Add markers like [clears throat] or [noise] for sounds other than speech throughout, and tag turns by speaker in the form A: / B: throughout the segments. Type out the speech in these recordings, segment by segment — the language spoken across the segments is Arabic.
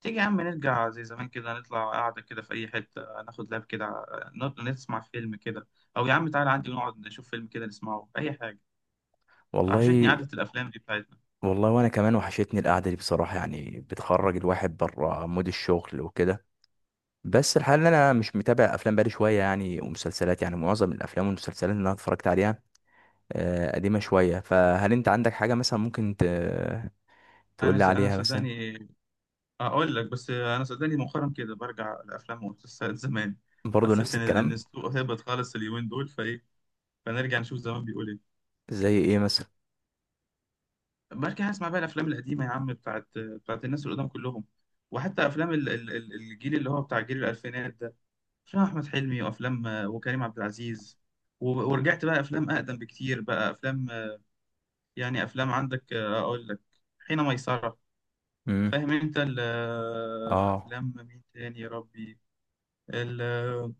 A: تيجي يا عم نرجع زي زمان كده نطلع قاعدة كده في أي حتة ناخد لاب كده، نسمع فيلم كده، أو يا عم تعالى عندي ونقعد نشوف فيلم كده نسمعه أي حاجة. وحشتني
B: والله
A: قعدة الأفلام دي بتاعتنا.
B: والله. وانا كمان وحشتني القعده دي بصراحه، يعني بتخرج الواحد بره مود الشغل وكده. بس الحال ان انا مش متابع افلام بقالي شويه، يعني ومسلسلات، يعني معظم الافلام والمسلسلات اللي انا اتفرجت عليها قديمه شويه. فهل انت عندك حاجه مثلا ممكن تقول لي
A: أنا
B: عليها مثلا؟
A: صدقني أقول لك، بس أنا صدقني مؤخرا كده برجع الأفلام والمسلسلات زمان.
B: برضه
A: حسيت
B: نفس
A: إن
B: الكلام.
A: السوق هبط خالص اليومين دول، فإيه، فنرجع نشوف زمان بيقول إيه.
B: زي ايه مثلا؟
A: برجع أسمع بقى الأفلام القديمة يا عم، بتاعت الناس القدام كلهم، وحتى أفلام الجيل اللي هو بتاع جيل الألفينات ده، افلام احمد حلمي، وافلام وكريم عبد العزيز. ورجعت بقى افلام اقدم بكتير، بقى افلام يعني افلام، عندك اقول لك، حين ميسرة.
B: امم.
A: فاهم انت
B: اه،
A: افلام مين تاني يا ربي، ال- آه،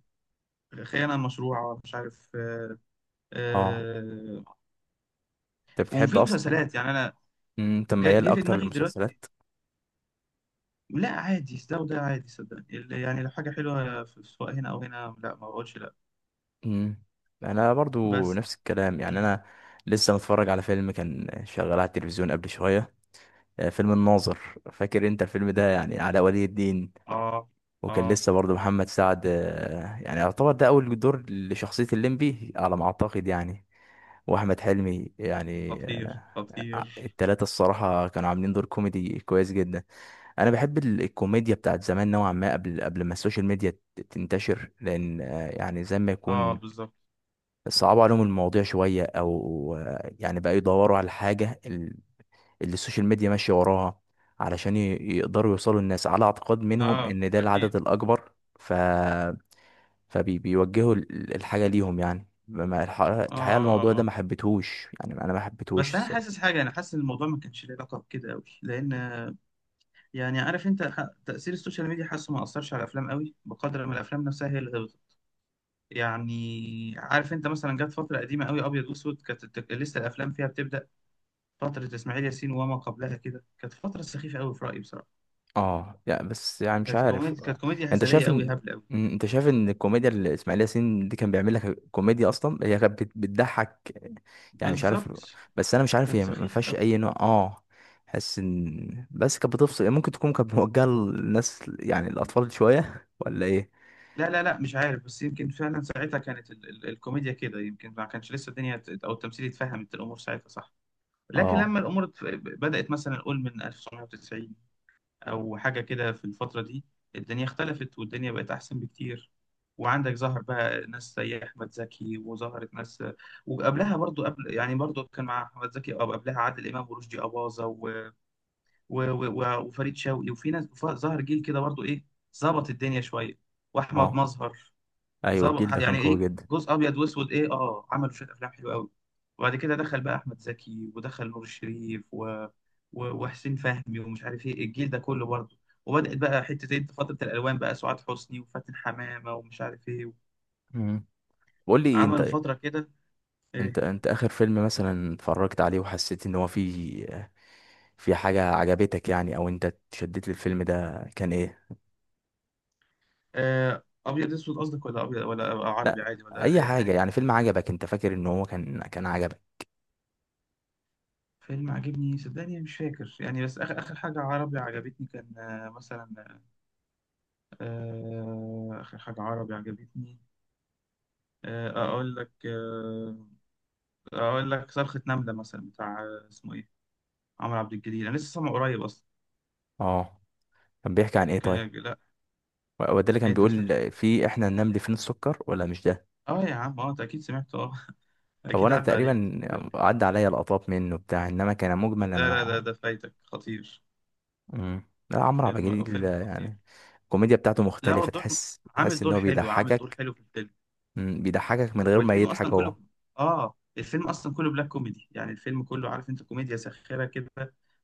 A: الخيانة المشروعة، مش عارف.
B: اه،
A: آه،
B: انت بتحب
A: وفي
B: اصلا؟
A: مسلسلات يعني انا،
B: انت ميال
A: جه في
B: اكتر
A: دماغي دلوقتي.
B: للمسلسلات؟
A: لا، عادي ده وده، عادي صدقني، يعني لو حاجة حلوة سواء هنا او هنا، لا ما بقولش لا.
B: امم. انا برضو
A: بس
B: نفس الكلام، يعني
A: م.
B: انا لسه متفرج على فيلم كان شغال على التلفزيون قبل شويه. فيلم الناظر. فاكر انت الفيلم ده؟ يعني علاء ولي الدين،
A: اه،
B: وكان
A: اه،
B: لسه برضو محمد سعد، يعني يعتبر ده اول دور لشخصيه الليمبي على ما اعتقد يعني. واحمد حلمي يعني
A: خطير خطير.
B: التلاتة الصراحه كانوا عاملين دور كوميدي كويس جدا. انا بحب الكوميديا بتاعت زمان نوعا ما، قبل ما السوشيال ميديا تنتشر، لان يعني زي ما
A: اه
B: يكون
A: بالظبط.
B: صعبوا عليهم المواضيع شوية، أو يعني بقى يدوروا على الحاجة اللي السوشيال ميديا ماشية وراها، علشان يقدروا يوصلوا الناس على اعتقاد منهم
A: اه
B: إن ده
A: اكيد.
B: العدد الأكبر. ف... فبيوجهوا الحاجة ليهم، يعني ما- الح-
A: اه
B: الحقيقة
A: اه
B: الموضوع
A: اه
B: ده ما حبيتهوش، يعني أنا ما حبيتهوش
A: بس انا حاسس
B: الصراحة.
A: حاجه، انا حاسس ان الموضوع ما كانش له علاقه بكده قوي، لان يعني عارف انت تاثير السوشيال ميديا، حاسه ما اثرش على الافلام قوي بقدر ما الافلام نفسها هي اللي غلطت. يعني عارف انت، مثلا جت فتره قديمه قوي ابيض واسود، كانت لسه الافلام فيها بتبدا فتره اسماعيل ياسين وما قبلها كده، كانت فتره سخيفه قوي في رايي بصراحه.
B: اه، لا بس يعني مش عارف.
A: كانت كوميديا
B: انت
A: هزليه
B: شايف
A: قوي،
B: ان
A: هبله قوي.
B: انت شايف ان الكوميديا اللي اسماعيل ياسين دي كان بيعمل لك كوميديا اصلا هي كانت بتضحك؟ يعني مش عارف.
A: بالظبط.
B: بس انا مش عارف
A: كانت
B: هي ما
A: سخيفه
B: فيهاش
A: قوي.
B: اي نوع حس ان بس كانت بتفصل، ممكن تكون كانت موجهه للناس يعني الاطفال شويه [laughs] ولا ايه؟
A: لا لا لا، مش عارف، بس يمكن فعلا ساعتها كانت ال ال الكوميديا كده، يمكن ما كانش لسه الدنيا او التمثيل اتفهمت الامور ساعتها، صح. لكن لما
B: اه،
A: الامور بدأت مثلا، نقول من 1990 او حاجه كده، في الفتره دي الدنيا اختلفت والدنيا بقت احسن بكتير. وعندك ظهر بقى ناس زي احمد زكي، وظهرت ناس، وقبلها برضو، قبل يعني برضو كان مع احمد زكي او قبلها، عادل امام ورشدي اباظه وفريد شوقي، وفي ناس، ظهر جيل كده برضو ايه، ظبط الدنيا شويه، واحمد
B: اه،
A: مظهر.
B: ايوه، الجيل
A: ظبط
B: ده كان
A: يعني ايه،
B: قوي جدا.
A: جزء ابيض واسود ايه، اه عملوا شويه افلام حلوه قوي. وبعد كده دخل بقى احمد زكي، ودخل نور الشريف وحسين فهمي، ومش عارف ايه الجيل ده كله برضه. وبدات بقى حته ايه، فتره الالوان، بقى سعاد حسني وفاتن حمامه ومش عارف ايه،
B: مم. قول لي انت.
A: عملوا فتره كده
B: انت
A: ايه.
B: انت اخر فيلم مثلا اتفرجت عليه وحسيت ان هو فيه، في حاجة عجبتك يعني، او انت اتشدت للفيلم ده، كان ايه؟
A: ابيض اسود قصدك، ولا ابيض، ولا عربي
B: لا،
A: عادي، ولا
B: اي
A: ايه
B: حاجة
A: يعني؟
B: يعني، فيلم عجبك انت فاكر ان هو كان عجبك؟
A: فيلم عجبني صدقني مش فاكر يعني، بس اخر اخر حاجه عربي عجبتني كان مثلا اخر حاجه عربي عجبتني اقول لك اقول لك، صرخة نملة مثلا، بتاع اسمه ايه، عمرو عبد الجليل، انا لسه سامعه قريب اصلا.
B: اه، كان بيحكي عن ايه
A: كان
B: طيب؟
A: لا،
B: هو ده اللي كان
A: انت ما سمعتوش؟
B: بيقول في احنا النمل فين السكر، ولا مش ده؟
A: اه يا عم، اه انت اكيد سمعته، اه [laughs]
B: هو
A: اكيد
B: انا
A: عدى عليك.
B: تقريبا عدى عليا لقطات منه بتاع، انما كان مجمل انا
A: لا لا
B: مع.
A: لا، ده فايتك خطير.
B: مم. لا، عمرو عبد
A: فيلم
B: الجليل
A: فيلم خطير.
B: يعني الكوميديا بتاعته
A: لا هو
B: مختلفة،
A: الدور،
B: تحس
A: عامل
B: تحس ان
A: دور
B: هو
A: حلو، عامل دور
B: بيضحكك.
A: حلو في الفيلم.
B: بيضحكك من غير ما
A: والفيلم
B: يضحك
A: اصلا كله،
B: هو.
A: اه الفيلم اصلا كله بلاك كوميدي، يعني الفيلم كله عارف انت، كوميديا ساخرة كده،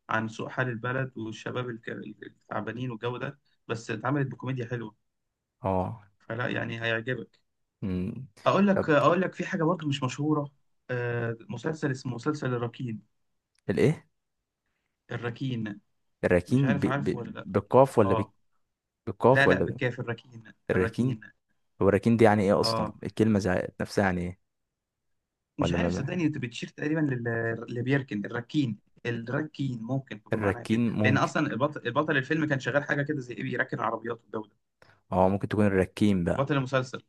A: عن سوء حال البلد والشباب التعبانين والجو ده، بس اتعملت بكوميديا حلوة.
B: اه.
A: فلا يعني هيعجبك.
B: مم.
A: اقول لك
B: طب
A: اقول لك، في حاجه برضو مش مشهوره، مسلسل، اسمه مسلسل الركين.
B: الايه؟
A: الركين. مش
B: الراكين
A: عارف عارفه ولا لا؟
B: بالقاف ولا
A: اه
B: بالقاف
A: لا لا،
B: ولا
A: بالكاف، الركين.
B: الراكين.
A: الركين.
B: هو الراكين دي يعني ايه اصلا،
A: اه
B: الكلمه نفسها يعني ايه؟
A: مش
B: ولا ما
A: عارف صدقني،
B: ما-
A: انت بتشير تقريبا اللي بيركن، الركين، الركين ممكن تبقى معناها كده،
B: الراكين
A: لان
B: ممكن.
A: اصلا البطل, البطل الفيلم كان شغال حاجه كده زي ايه، بيركن عربيات والجو ده.
B: اه، ممكن تكون الراكين بقى.
A: بطل المسلسل،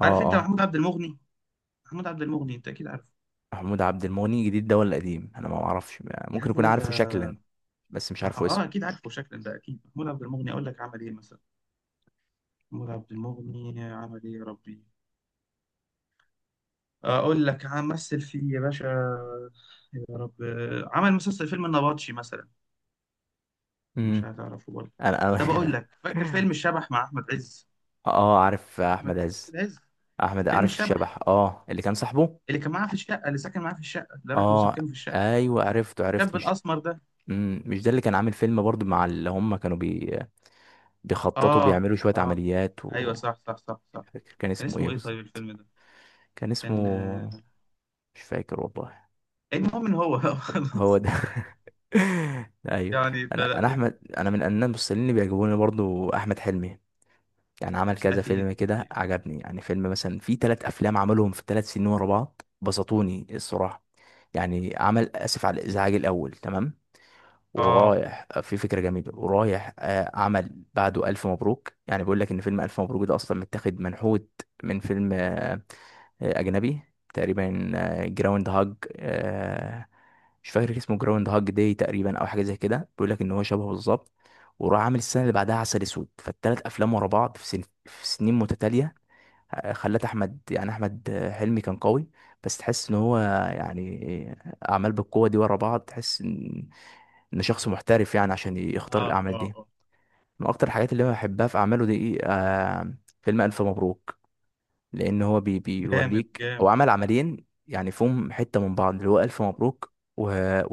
B: اه،
A: عارف انت
B: اه،
A: محمود عبد المغني؟ محمود عبد المغني، انت اكيد عارفه
B: محمود عبد المغني جديد ده ولا قديم؟ انا ما اعرفش،
A: يا
B: ممكن
A: عم،
B: اكون
A: لا ده
B: عارفه شكلا بس مش
A: ما
B: عارفه
A: هو-
B: اسم.
A: اه اكيد عارفه شكلا، ده اكيد محمود عبد المغني، اقول لك عمل ايه مثلا، محمود عبد المغني عمل ايه يا ربي، اقول لك، مثل فيه يا باشا، يا رب، عمل مسلسل فيلم النبطشي مثلا. مش
B: امم.
A: هتعرفه برضه.
B: انا
A: طب اقول
B: انا
A: لك، فاكر فيلم
B: [laughs]
A: الشبح مع احمد عز؟
B: اه، عارف
A: احمد
B: احمد عز.
A: عز،
B: احمد،
A: فيلم
B: عارف
A: الشبح،
B: الشبح اللي كان صاحبه.
A: اللي كان معاه في الشقه، اللي ساكن معاه في الشقه، اللي راح له
B: اه،
A: سكنه في الشقه،
B: ايوه عرفته، عرفت،
A: الشاب
B: مش...
A: الاسمر ده.
B: مش ده اللي كان عامل فيلم برضو مع اللي هم كانوا بيخططوا
A: اه
B: بيعملوا شوية
A: اه،
B: عمليات و...
A: ايوه صح صح صح
B: مش
A: صح.
B: فاكر كان
A: كان
B: اسمه ايه
A: اسمه ايه طيب
B: بالظبط.
A: الفيلم ده،
B: كان اسمه
A: كان
B: مش فاكر والله.
A: المهم ان هو [laughs]
B: هو
A: خلاص،
B: ده. [laughs] ايوه.
A: يعني
B: انا
A: فلا
B: انا احمد انا من الناس الممثلين اللي بيعجبوني برضو احمد حلمي. يعني عمل كذا فيلم
A: اكيد
B: كده
A: اكيد.
B: عجبني، يعني فيلم مثلا، في ثلاث افلام عملهم في 3 سنين ورا بعض بسطوني الصراحة. يعني عمل اسف على الازعاج الاول، تمام،
A: اه
B: ورايح في فكرة جميلة، ورايح عمل بعده ألف مبروك. يعني بيقول لك إن فيلم ألف مبروك ده أصلا متاخد منحوت من فيلم أجنبي تقريبا، جراوند هاج، مش فاكر اسمه، جراوند هاج داي تقريبا أو حاجة زي كده. بيقول لك إن هو شبهه بالظبط. وراح عامل السنة اللي بعدها عسل أسود، فالتلات أفلام ورا بعض في سنين متتالية خلت أحمد، يعني أحمد حلمي كان قوي، بس تحس إن هو يعني أعمال بالقوة دي ورا بعض، تحس إن شخص محترف يعني عشان يختار
A: اه
B: الاعمال
A: اه
B: دي.
A: اه.
B: من اكتر الحاجات اللي انا بحبها في اعماله دي فيلم الف مبروك، لان هو بي
A: جامد
B: بيوريك هو
A: جامد.
B: عمل عملين يعني فيهم حته من بعض، اللي هو الف مبروك و...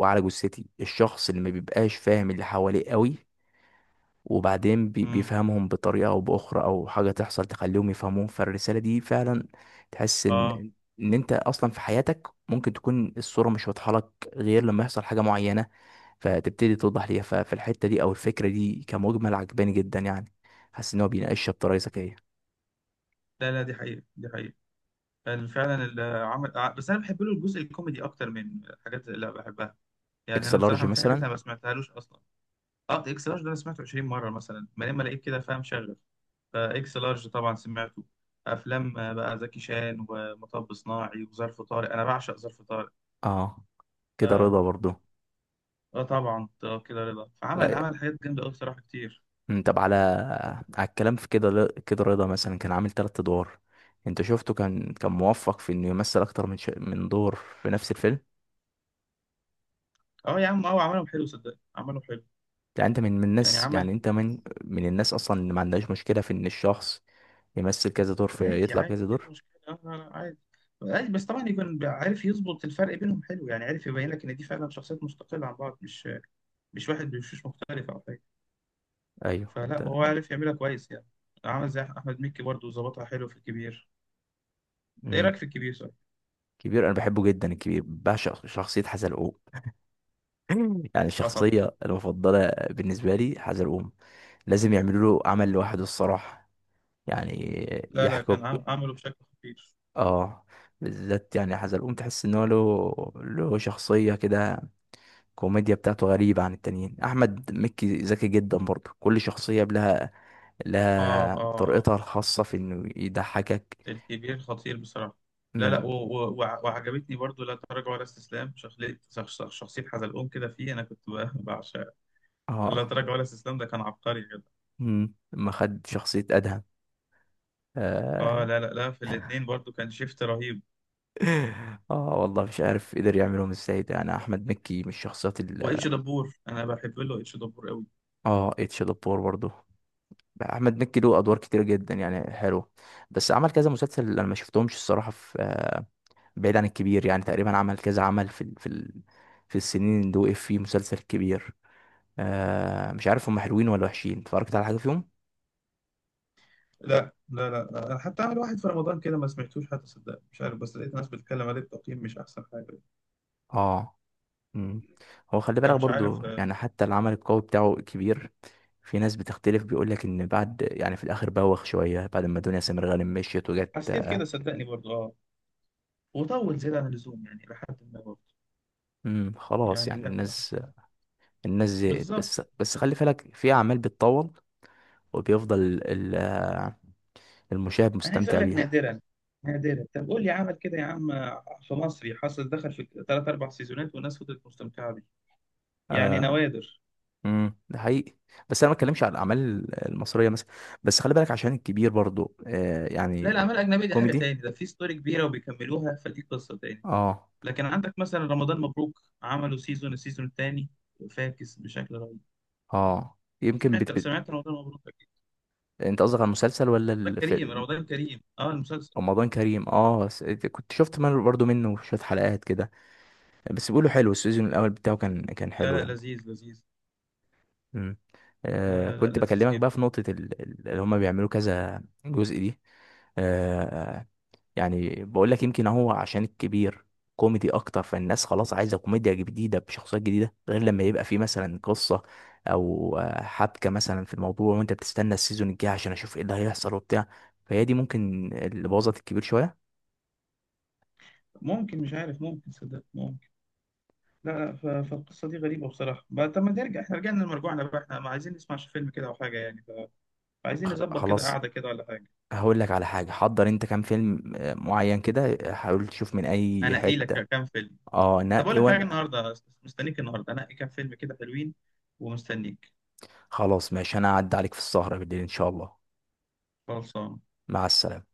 B: وعلى جثتي، الشخص اللي ما بيبقاش فاهم اللي حواليه قوي، وبعدين بي-
A: امم.
B: بيفهمهم بطريقة أو بأخرى، أو حاجة تحصل تخليهم يفهموهم، فالرسالة دي فعلا تحس
A: اه
B: إن أنت أصلا في حياتك ممكن تكون الصورة مش واضحة لك، غير لما يحصل حاجة معينة فتبتدي توضح ليها. ففي الحتة دي، أو الفكرة دي كمجمل، عجباني جدا يعني. حاسس إن هو بيناقشها بطريقة ذكية.
A: لا لا، دي حقيقة، دي حقيقة. فعلا العمل بس انا بحب له الجزء الكوميدي اكتر، من الحاجات اللي بحبها، يعني
B: إكس
A: انا
B: لارج
A: بصراحة في حاجات
B: مثلا.
A: انا ما سمعتهالوش اصلا. اه اكس لارج ده انا سمعته 20 مرة مثلا، ما لما لقيت كده فاهم شغل، فاكس لارج طبعا سمعته. افلام بقى زكي شان، ومطب صناعي، وظرف طارق، انا بعشق ظرف طارق.
B: أه، كده
A: اه,
B: رضا برضو.
A: طبعا، كده رضا، فعمل عمل حاجات جامدة قوي بصراحة كتير.
B: طب، على الكلام في كده، كده رضا مثلا كان عامل تلات ادوار، انت شفته كان موفق في انه يمثل اكتر من دور في نفس الفيلم؟
A: اه يا عم، اه عملهم حلو صدقني، عملهم حلو،
B: يعني انت من من
A: يعني
B: الناس يعني
A: عمل.
B: انت من من الناس اصلا اللي ما عندهاش مشكلة في ان الشخص يمثل كذا دور، في
A: عادي
B: يطلع
A: عادي،
B: بكذا
A: ايه
B: دور؟
A: المشكلة، لا لا لا عادي، عادي، بس طبعا يكون عارف يظبط الفرق بينهم حلو، يعني عارف يبين لك ان دي فعلا شخصيات مستقلة عن بعض، مش واحد بوشوش مختلفة او حاجة.
B: ايوه
A: فلا وهو عارف يعملها كويس يعني. عمل زي احمد مكي برضه، ظبطها حلو في الكبير. إنت ايه
B: مم.
A: رايك في الكبير صح؟
B: كبير انا بحبه جدا، الكبير بعشق شخصية حزلقوم. [clears throat] [laughs] يعني
A: اه طبعا.
B: الشخصية المفضلة بالنسبة لي حزلقوم. لازم يعملوا له عمل لوحده الصراحة، يعني
A: لا لا،
B: يحكوا.
A: كان عمله بشكل خطير.
B: اه، بالذات يعني حزلقوم تحس ان هو له شخصيه كده، الكوميديا بتاعته غريبه عن التانيين. احمد مكي ذكي جدا برضه، كل شخصيه لها
A: اه
B: لها
A: اه اه،
B: طريقتها الخاصه في انه يضحكك.
A: الكبير خطير بصراحة. لا لا،
B: امم.
A: وعجبتني برضه لا تراجع ولا استسلام، شخصية شخصية حزلقوم كده فيه، انا كنت [laughs] بعشقها. لا
B: اه،
A: تراجع ولا استسلام ده كان عبقري.
B: امم، لما خد شخصيه ادهم.
A: اه
B: اه.
A: لا لا لا، في
B: [laughs]
A: الاثنين برضو كان شيفت رهيب.
B: اه، والله مش عارف قدر يعملهم ازاي، ده يعني احمد مكي من الشخصيات ال...
A: واتش دبور، انا بحب له اتش دبور قوي.
B: اه، اتش دبور برضه. احمد مكي له ادوار كتير جدا يعني حلو، بس عمل كذا مسلسل انا ما شفتهمش الصراحه، في بعيد عن الكبير يعني تقريبا عمل كذا عمل في السنين اللي وقف فيه مسلسل كبير. مش عارف هم حلوين ولا وحشين، اتفرجت على حاجة فيهم؟
A: لا لا لا لا، انا حتى عامل واحد في رمضان كده ما سمعتوش حتى صدقني، مش عارف، بس لقيت ناس بتتكلم عليه بتقييم مش احسن حاجه،
B: اه. مم. هو خلي بالك
A: فمش
B: برضو،
A: عارف
B: يعني حتى العمل القوي بتاعه كبير، في ناس بتختلف، بيقول لك ان بعد يعني في الاخر بوخ شوية بعد ما دنيا سمير غانم مشيت وجت.
A: حسيت كده صدقني برضو، اه وطول زيادة عن اللزوم يعني، لحد ما برضو
B: امم، خلاص
A: يعني،
B: يعني
A: لا حسيت.
B: الناس زهقت.
A: بالظبط
B: بس
A: بالظبط.
B: خلي بالك في اعمال بتطول وبيفضل ال- آه، المشاهد
A: انا عايز اقول
B: مستمتع
A: لك
B: بيها.
A: نادرا، نادرا، طب قول لي عمل كده يا عم في مصري حصل دخل في ثلاث اربع سيزونات والناس فضلت مستمتعه بيه، يعني
B: آه.
A: نوادر.
B: امم، ده حقيقي، بس انا ما بتكلمش على الاعمال المصريه مثلا، بس خلي بالك عشان الكبير برضو
A: لا
B: يعني
A: الأعمال الأجنبية دي حاجة
B: كوميدي.
A: تاني، ده في ستوري كبيرة وبيكملوها، فدي قصة تاني.
B: اه،
A: لكن عندك مثلا رمضان مبروك، عملوا سيزون، السيزون التاني فاكس بشكل رهيب.
B: اه، يمكن
A: سمعت سمعت رمضان مبروك أكيد؟
B: انت قصدك على المسلسل ولا
A: رمضان كريم،
B: الفيلم؟
A: رمضان كريم، اه المسلسل.
B: رمضان كريم، اه، كنت شفت من برضو منه شويه حلقات كده، بس بيقولوا حلو، السيزون الاول بتاعه كان
A: لا
B: حلو
A: لا،
B: يعني.
A: لذيذ لذيذ.
B: امم.
A: لا لا
B: كنت
A: لا، لذيذ
B: بكلمك بقى
A: جدا.
B: في نقطه اللي هم بيعملوا كذا جزء دي. آه يعني بقول لك يمكن هو عشان الكبير كوميدي اكتر، فالناس خلاص عايزه كوميديا جديده بشخصيات جديده، غير لما يبقى في مثلا قصه او حبكه مثلا في الموضوع، وانت بتستنى السيزون الجاي عشان اشوف ايه اللي هيحصل وبتاع. فهي دي ممكن اللي بوظت الكبير شويه.
A: ممكن، مش عارف، ممكن صدق، ممكن. لا لا، فالقصة دي غريبة بصراحة بقى، طب ما نرجع، احنا رجعنا لمرجوعنا بقى، احنا ما عايزين نسمع فيلم كده أو حاجة يعني، فعايزين نظبط كده
B: خلاص،
A: قعدة كده ولا حاجة.
B: هقول لك على حاجه. حضر انت كام فيلم معين كده، حاول تشوف من اي
A: أنا إيه
B: حته.
A: لك كام فيلم؟
B: اه،
A: طب اقول
B: نقي
A: لك حاجه،
B: وانا.
A: النهارده مستنيك، النهارده انقي كام فيلم كده حلوين، ومستنيك.
B: خلاص ماشي، انا هعدي عليك في السهره بالليل ان شاء الله.
A: خلصان.
B: مع السلامه.